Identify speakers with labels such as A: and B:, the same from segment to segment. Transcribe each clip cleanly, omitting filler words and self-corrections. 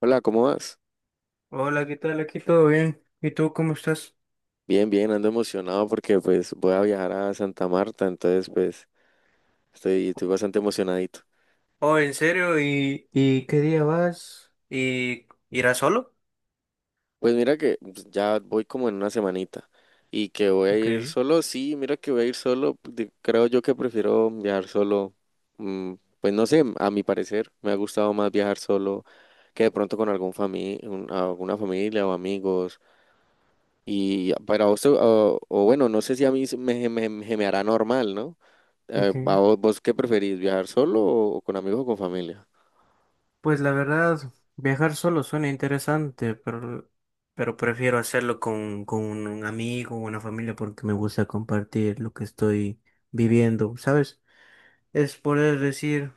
A: Hola, ¿cómo vas?
B: Hola, ¿qué tal? Aquí todo bien. ¿Y tú cómo estás?
A: Bien, bien, ando emocionado porque pues voy a viajar a Santa Marta, entonces pues estoy bastante emocionadito.
B: Oh, ¿en serio? ¿Y qué día vas? ¿Y irás solo?
A: Pues mira que pues, ya voy como en una semanita y que voy a
B: Ok,
A: ir solo, sí, mira que voy a ir solo, creo yo que prefiero viajar solo, mm, pues no sé, a mi parecer me ha gustado más viajar solo que de pronto con alguna familia o amigos y para vos, o bueno, no sé si a mí se me hará normal, ¿no? Eh, ¿a
B: ok.
A: vos, vos qué preferís, viajar solo o con amigos o con familia?
B: Pues la verdad, viajar solo suena interesante, pero prefiero hacerlo con un amigo o una familia porque me gusta compartir lo que estoy viviendo, ¿sabes? Es poder decir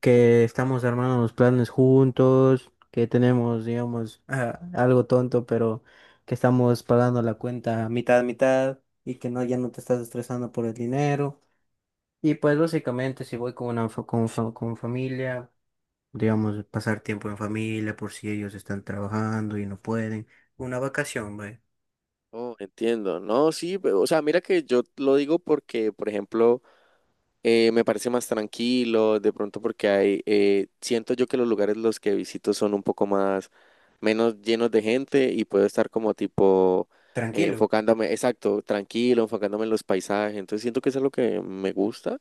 B: que estamos armando los planes juntos, que tenemos, digamos, ah, algo tonto, pero que estamos pagando la cuenta mitad a mitad y que no, ya no te estás estresando por el dinero. Y pues básicamente si voy con una con familia, digamos, pasar tiempo en familia por si ellos están trabajando y no pueden, una vacación, güey.
A: Oh, entiendo. No, sí, o sea, mira que yo lo digo porque, por ejemplo, me parece más tranquilo, de pronto porque hay, siento yo que los lugares los que visito son un poco más, menos llenos de gente y puedo estar como tipo
B: Tranquilo.
A: enfocándome, exacto, tranquilo, enfocándome en los paisajes, entonces siento que eso es lo que me gusta,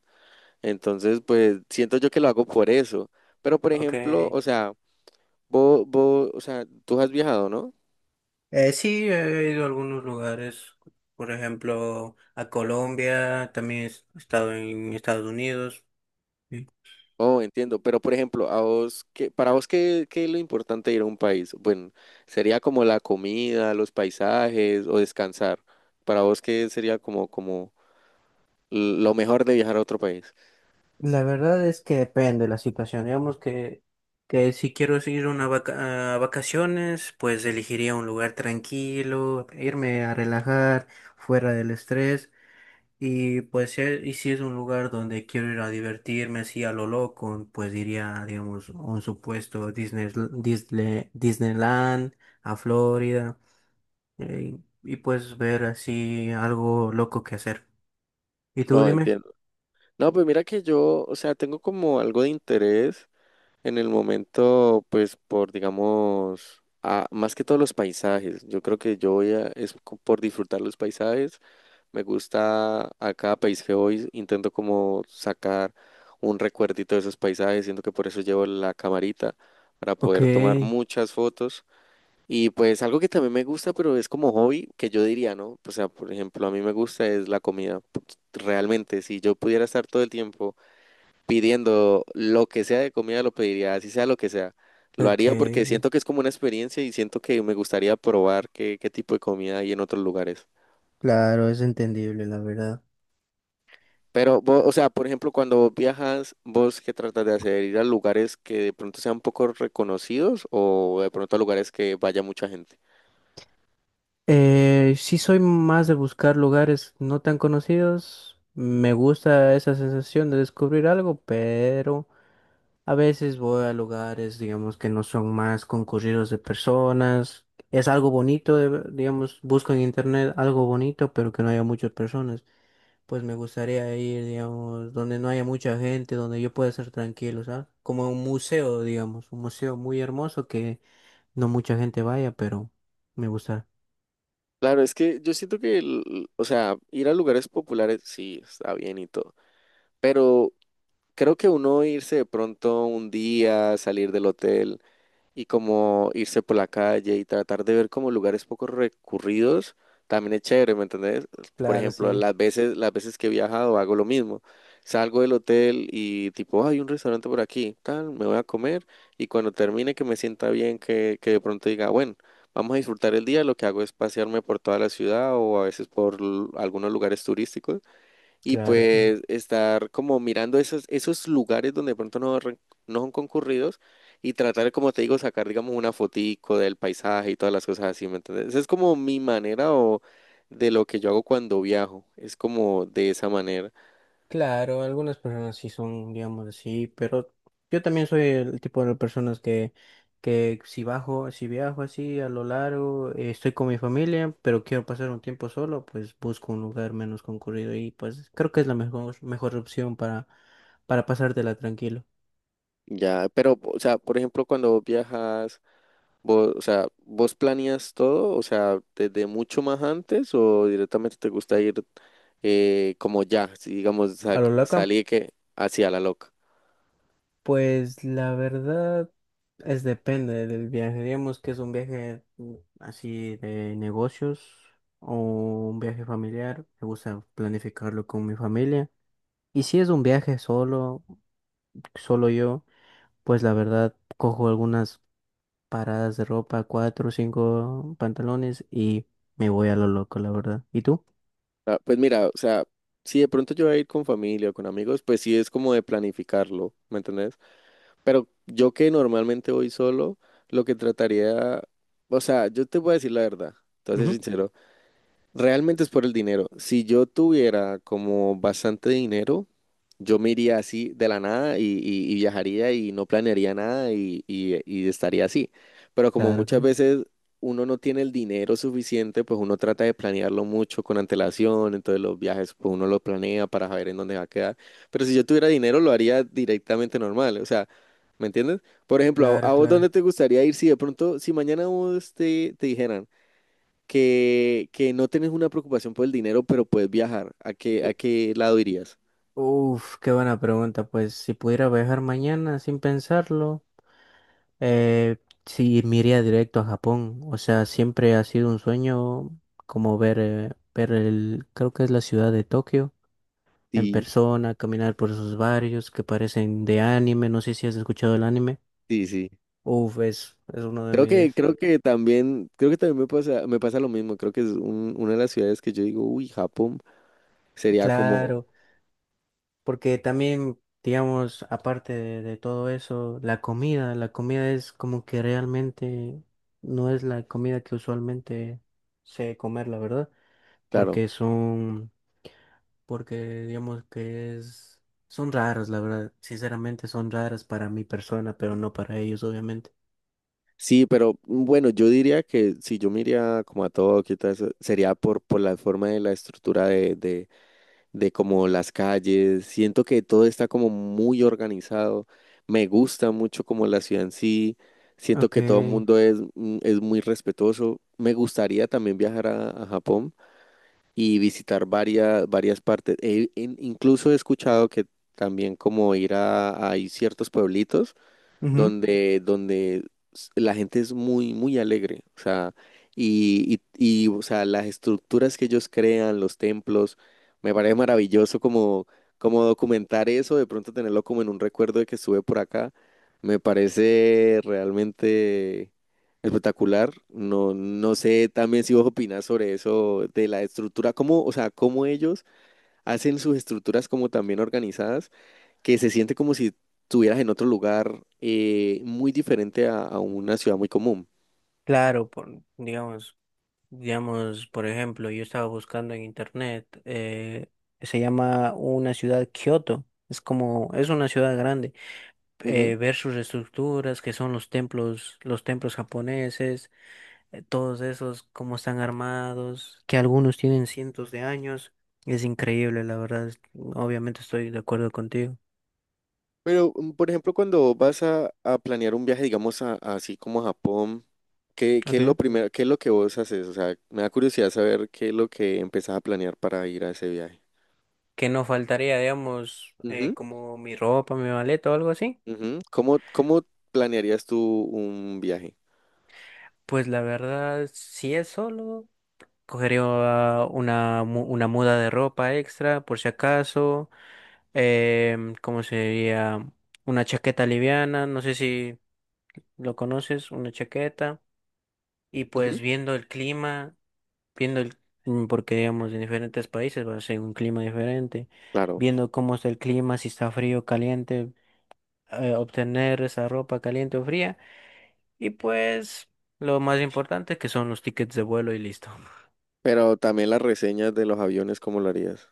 A: entonces pues siento yo que lo hago por eso, pero por
B: Ok.
A: ejemplo, o sea... Vos, o sea, tú has viajado, ¿no?
B: Sí, he ido a algunos lugares, por ejemplo, a Colombia, también he estado en Estados Unidos. Sí.
A: Oh, entiendo, pero por ejemplo, a vos, para vos ¿qué es lo importante de ir a un país? Bueno, sería como la comida, los paisajes o descansar. Para vos, ¿qué sería como, como lo mejor de viajar a otro país?
B: La verdad es que depende de la situación. Digamos que si quiero ir una a vacaciones, pues elegiría un lugar tranquilo, irme a relajar, fuera del estrés. Y pues si y si es un lugar donde quiero ir a divertirme así a lo loco, pues iría, digamos, a un supuesto Disneyland, a Florida, y pues ver así algo loco que hacer. ¿Y tú
A: No,
B: dime?
A: entiendo. No, pues mira que yo, o sea, tengo como algo de interés. En el momento, pues por, digamos, más que todos los paisajes, yo creo que yo voy a, por disfrutar los paisajes, me gusta a cada país que voy, intento como sacar un recuerdito de esos paisajes, siento que por eso llevo la camarita, para
B: Ok,
A: poder tomar muchas fotos. Y pues algo que también me gusta, pero es como hobby, que yo diría, ¿no? O sea, por ejemplo, a mí me gusta es la comida. Realmente, si yo pudiera estar todo el tiempo pidiendo lo que sea de comida, lo pediría, así sea lo que sea. Lo haría porque
B: ok,
A: siento que es como una experiencia y siento que me gustaría probar qué tipo de comida hay en otros lugares.
B: claro, es entendible, la verdad.
A: Pero, vos, o sea, por ejemplo, cuando vos viajas, ¿vos qué tratas de hacer? ¿Ir a lugares que de pronto sean poco reconocidos o de pronto a lugares que vaya mucha gente?
B: Sí soy más de buscar lugares no tan conocidos. Me gusta esa sensación de descubrir algo, pero a veces voy a lugares, digamos, que no son más concurridos de personas. Es algo bonito, digamos, busco en internet algo bonito, pero que no haya muchas personas. Pues me gustaría ir, digamos, donde no haya mucha gente, donde yo pueda ser tranquilo, ¿sabes? Como un museo, digamos, un museo muy hermoso que no mucha gente vaya, pero me gusta.
A: Claro, es que yo siento que, o sea, ir a lugares populares sí está bien y todo, pero creo que uno irse de pronto un día, salir del hotel, y como irse por la calle y tratar de ver como lugares poco recurridos, también es chévere, ¿me entendés? Por
B: Claro,
A: ejemplo,
B: sí,
A: las veces que he viajado hago lo mismo. Salgo del hotel y tipo, "Ah, hay un restaurante por aquí, tal, me voy a comer y cuando termine que me sienta bien, que de pronto diga, bueno, vamos a disfrutar el día", lo que hago es pasearme por toda la ciudad o a veces por algunos lugares turísticos y
B: claro, claro.
A: pues estar como mirando esos lugares donde de pronto no son concurridos y tratar, como te digo, sacar, digamos, una fotico del paisaje y todas las cosas así, ¿me entiendes? Esa es como mi manera o de lo que yo hago cuando viajo, es como de esa manera.
B: Claro, algunas personas sí son, digamos así, pero yo también soy el tipo de personas que si bajo, si viajo así a lo largo, estoy con mi familia, pero quiero pasar un tiempo solo, pues busco un lugar menos concurrido y pues creo que es la mejor opción para pasártela tranquilo.
A: Ya, pero, o sea, por ejemplo, cuando vos viajas, vos, o sea, ¿vos planeas todo? O sea, ¿desde mucho más antes o directamente te gusta ir como ya, si digamos,
B: A lo loca.
A: salir que hacia la loca?
B: Pues la verdad es depende del viaje. Digamos que es un viaje así de negocios o un viaje familiar. Me gusta planificarlo con mi familia. Y si es un viaje solo, solo yo, pues la verdad cojo algunas paradas de ropa, cuatro o cinco pantalones y me voy a lo loco, la verdad. ¿Y tú?
A: Ah, pues mira, o sea, si de pronto yo voy a ir con familia o con amigos, pues sí es como de planificarlo, ¿me entendés? Pero yo que normalmente voy solo, lo que trataría, o sea, yo te voy a decir la verdad, te voy a ser
B: Ujú.
A: sincero, realmente es por el dinero. Si yo tuviera como bastante dinero, yo me iría así de la nada y viajaría y no planearía nada y estaría así. Pero como
B: Claro,
A: muchas
B: claro.
A: veces uno no tiene el dinero suficiente, pues uno trata de planearlo mucho con antelación, entonces los viajes pues uno lo planea para saber en dónde va a quedar. Pero si yo tuviera dinero lo haría directamente normal, o sea, ¿me entiendes? Por ejemplo,
B: Claro,
A: a vos
B: claro.
A: dónde te gustaría ir si de pronto, si mañana vos te dijeran que no tenés una preocupación por el dinero, pero puedes viajar, a
B: U-
A: qué lado irías?
B: Uf, qué buena pregunta. Pues si pudiera viajar mañana sin pensarlo. Eh, sí, me iría directo a Japón. O sea, siempre ha sido un sueño como ver, ver el, creo que es la ciudad de Tokio en
A: Sí,
B: persona, caminar por esos barrios que parecen de anime. No sé si has escuchado el anime.
A: sí, sí.
B: Uf, es uno de mis...
A: Creo que también me pasa lo mismo. Creo que es una de las ciudades que yo digo, uy, Japón sería como,
B: Claro, porque también, digamos, aparte de todo eso, la comida es como que realmente no es la comida que usualmente sé comer, la verdad,
A: claro,
B: porque son porque digamos que es, son raras, la verdad, sinceramente son raras para mi persona, pero no para ellos, obviamente.
A: sí, pero bueno, yo diría que si yo me iría como a Tokio y todo eso, sería por la forma de la estructura de como las calles. Siento que todo está como muy organizado. Me gusta mucho como la ciudad en sí. Siento
B: Ok,
A: que todo el mundo es, es muy respetuoso. Me gustaría también viajar a Japón y visitar varias partes. Incluso he escuchado que también como ir a, hay ciertos pueblitos
B: ujú,
A: donde la gente es muy, muy alegre, o sea, o sea, las estructuras que ellos crean, los templos, me parece maravilloso como, como documentar eso, de pronto tenerlo como en un recuerdo de que estuve por acá, me parece realmente espectacular. No, no sé también si vos opinás sobre eso, de la estructura, cómo, o sea, cómo ellos hacen sus estructuras como también organizadas que se siente como si estuvieras en otro lugar muy diferente a una ciudad muy común.
B: claro, digamos, digamos, por ejemplo, yo estaba buscando en internet, se llama una ciudad Kioto, es como, es una ciudad grande,
A: Ujú.
B: ver sus estructuras, que son los templos japoneses, todos esos, cómo están armados, que algunos tienen cientos de años. Es increíble, la verdad. Obviamente estoy de acuerdo contigo.
A: Pero, por ejemplo, cuando vas a planear un viaje, digamos, así como a Japón, ¿qué, qué es
B: Okay.
A: lo primero, qué es lo que vos haces? O sea, me da curiosidad saber qué es lo que empezás a planear para ir a ese viaje.
B: Que no faltaría, digamos,
A: Ujú,
B: como mi ropa, mi maleta o algo así.
A: ujú. ¿Cómo, cómo planearías tú un viaje?
B: Pues la verdad, si es solo, cogería una muda de ropa extra, por si acaso. ¿Cómo se diría? Una chaqueta liviana, no sé si lo conoces, una chaqueta. Y
A: Ujú.
B: pues viendo el clima, viendo el, mm, porque digamos en diferentes países va a ser un clima diferente,
A: Claro,
B: viendo cómo está el clima, si está frío o caliente, obtener esa ropa caliente o fría, y pues lo más importante que son los tickets de vuelo y listo.
A: pero también las reseñas de los aviones, ¿cómo lo harías?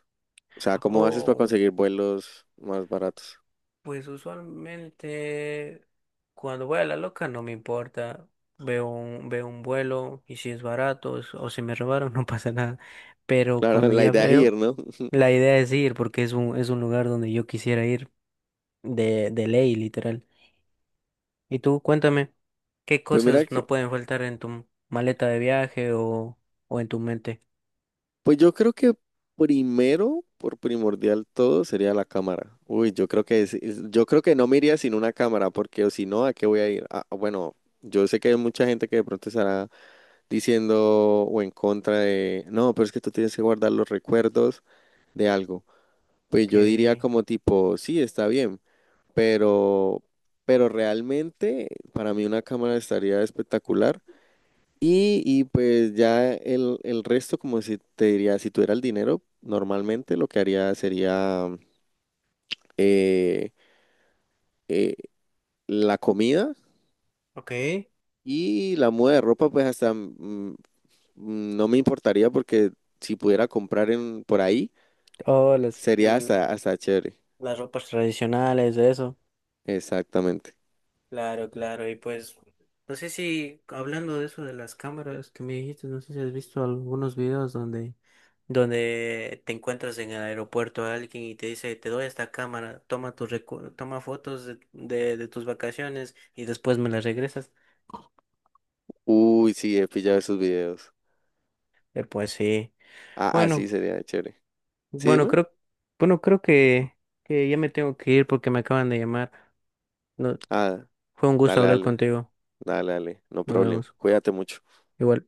A: O sea, ¿cómo haces para
B: Oh,
A: conseguir vuelos más baratos?
B: pues usualmente cuando voy a la loca no me importa. Veo un vuelo y si es barato o si me robaron no pasa nada. Pero
A: Claro,
B: cuando
A: la
B: ya
A: idea es ir,
B: veo,
A: ¿no?
B: la idea es ir porque es un lugar donde yo quisiera ir. De ley, literal. Y tú, cuéntame, ¿qué
A: Pues mira
B: cosas
A: que,
B: no pueden faltar en tu maleta de viaje o en tu mente?
A: pues yo creo que primero, por primordial todo, sería la cámara. Uy, yo creo que yo creo que no me iría sin una cámara, porque o si no, ¿a qué voy a ir? Ah, bueno, yo sé que hay mucha gente que de pronto estará diciendo o en contra de, no, pero es que tú tienes que guardar los recuerdos de algo. Pues yo diría
B: Okay,
A: como tipo, sí, está bien, pero, pero realmente para mí una cámara estaría espectacular. Y pues ya el resto, como si te diría, si tuviera el dinero, normalmente lo que haría sería eh, eh, la comida
B: okay.
A: y la muda de ropa, pues hasta no me importaría porque si pudiera comprar en, por ahí,
B: Oh, las,
A: sería
B: mm,
A: hasta, hasta chévere.
B: las ropas tradicionales, eso.
A: Exactamente.
B: Claro, claro. Y pues, no sé si hablando de eso de las cámaras que me dijiste, no sé si has visto algunos videos donde, donde te encuentras en el aeropuerto a alguien y te dice, te doy esta cámara, toma tus toma fotos de tus vacaciones y después me las regresas.
A: Uy, sí, he pillado esos videos.
B: Pues sí.
A: Ah,
B: Bueno,
A: así sería chévere. Sí,
B: bueno,
A: dime.
B: creo, bueno, creo que ya me tengo que ir porque me acaban de llamar. No,
A: Ah,
B: fue un gusto
A: dale,
B: hablar
A: dale,
B: contigo.
A: dale, dale. No
B: Nos
A: problem.
B: vemos.
A: Cuídate mucho.
B: Igual.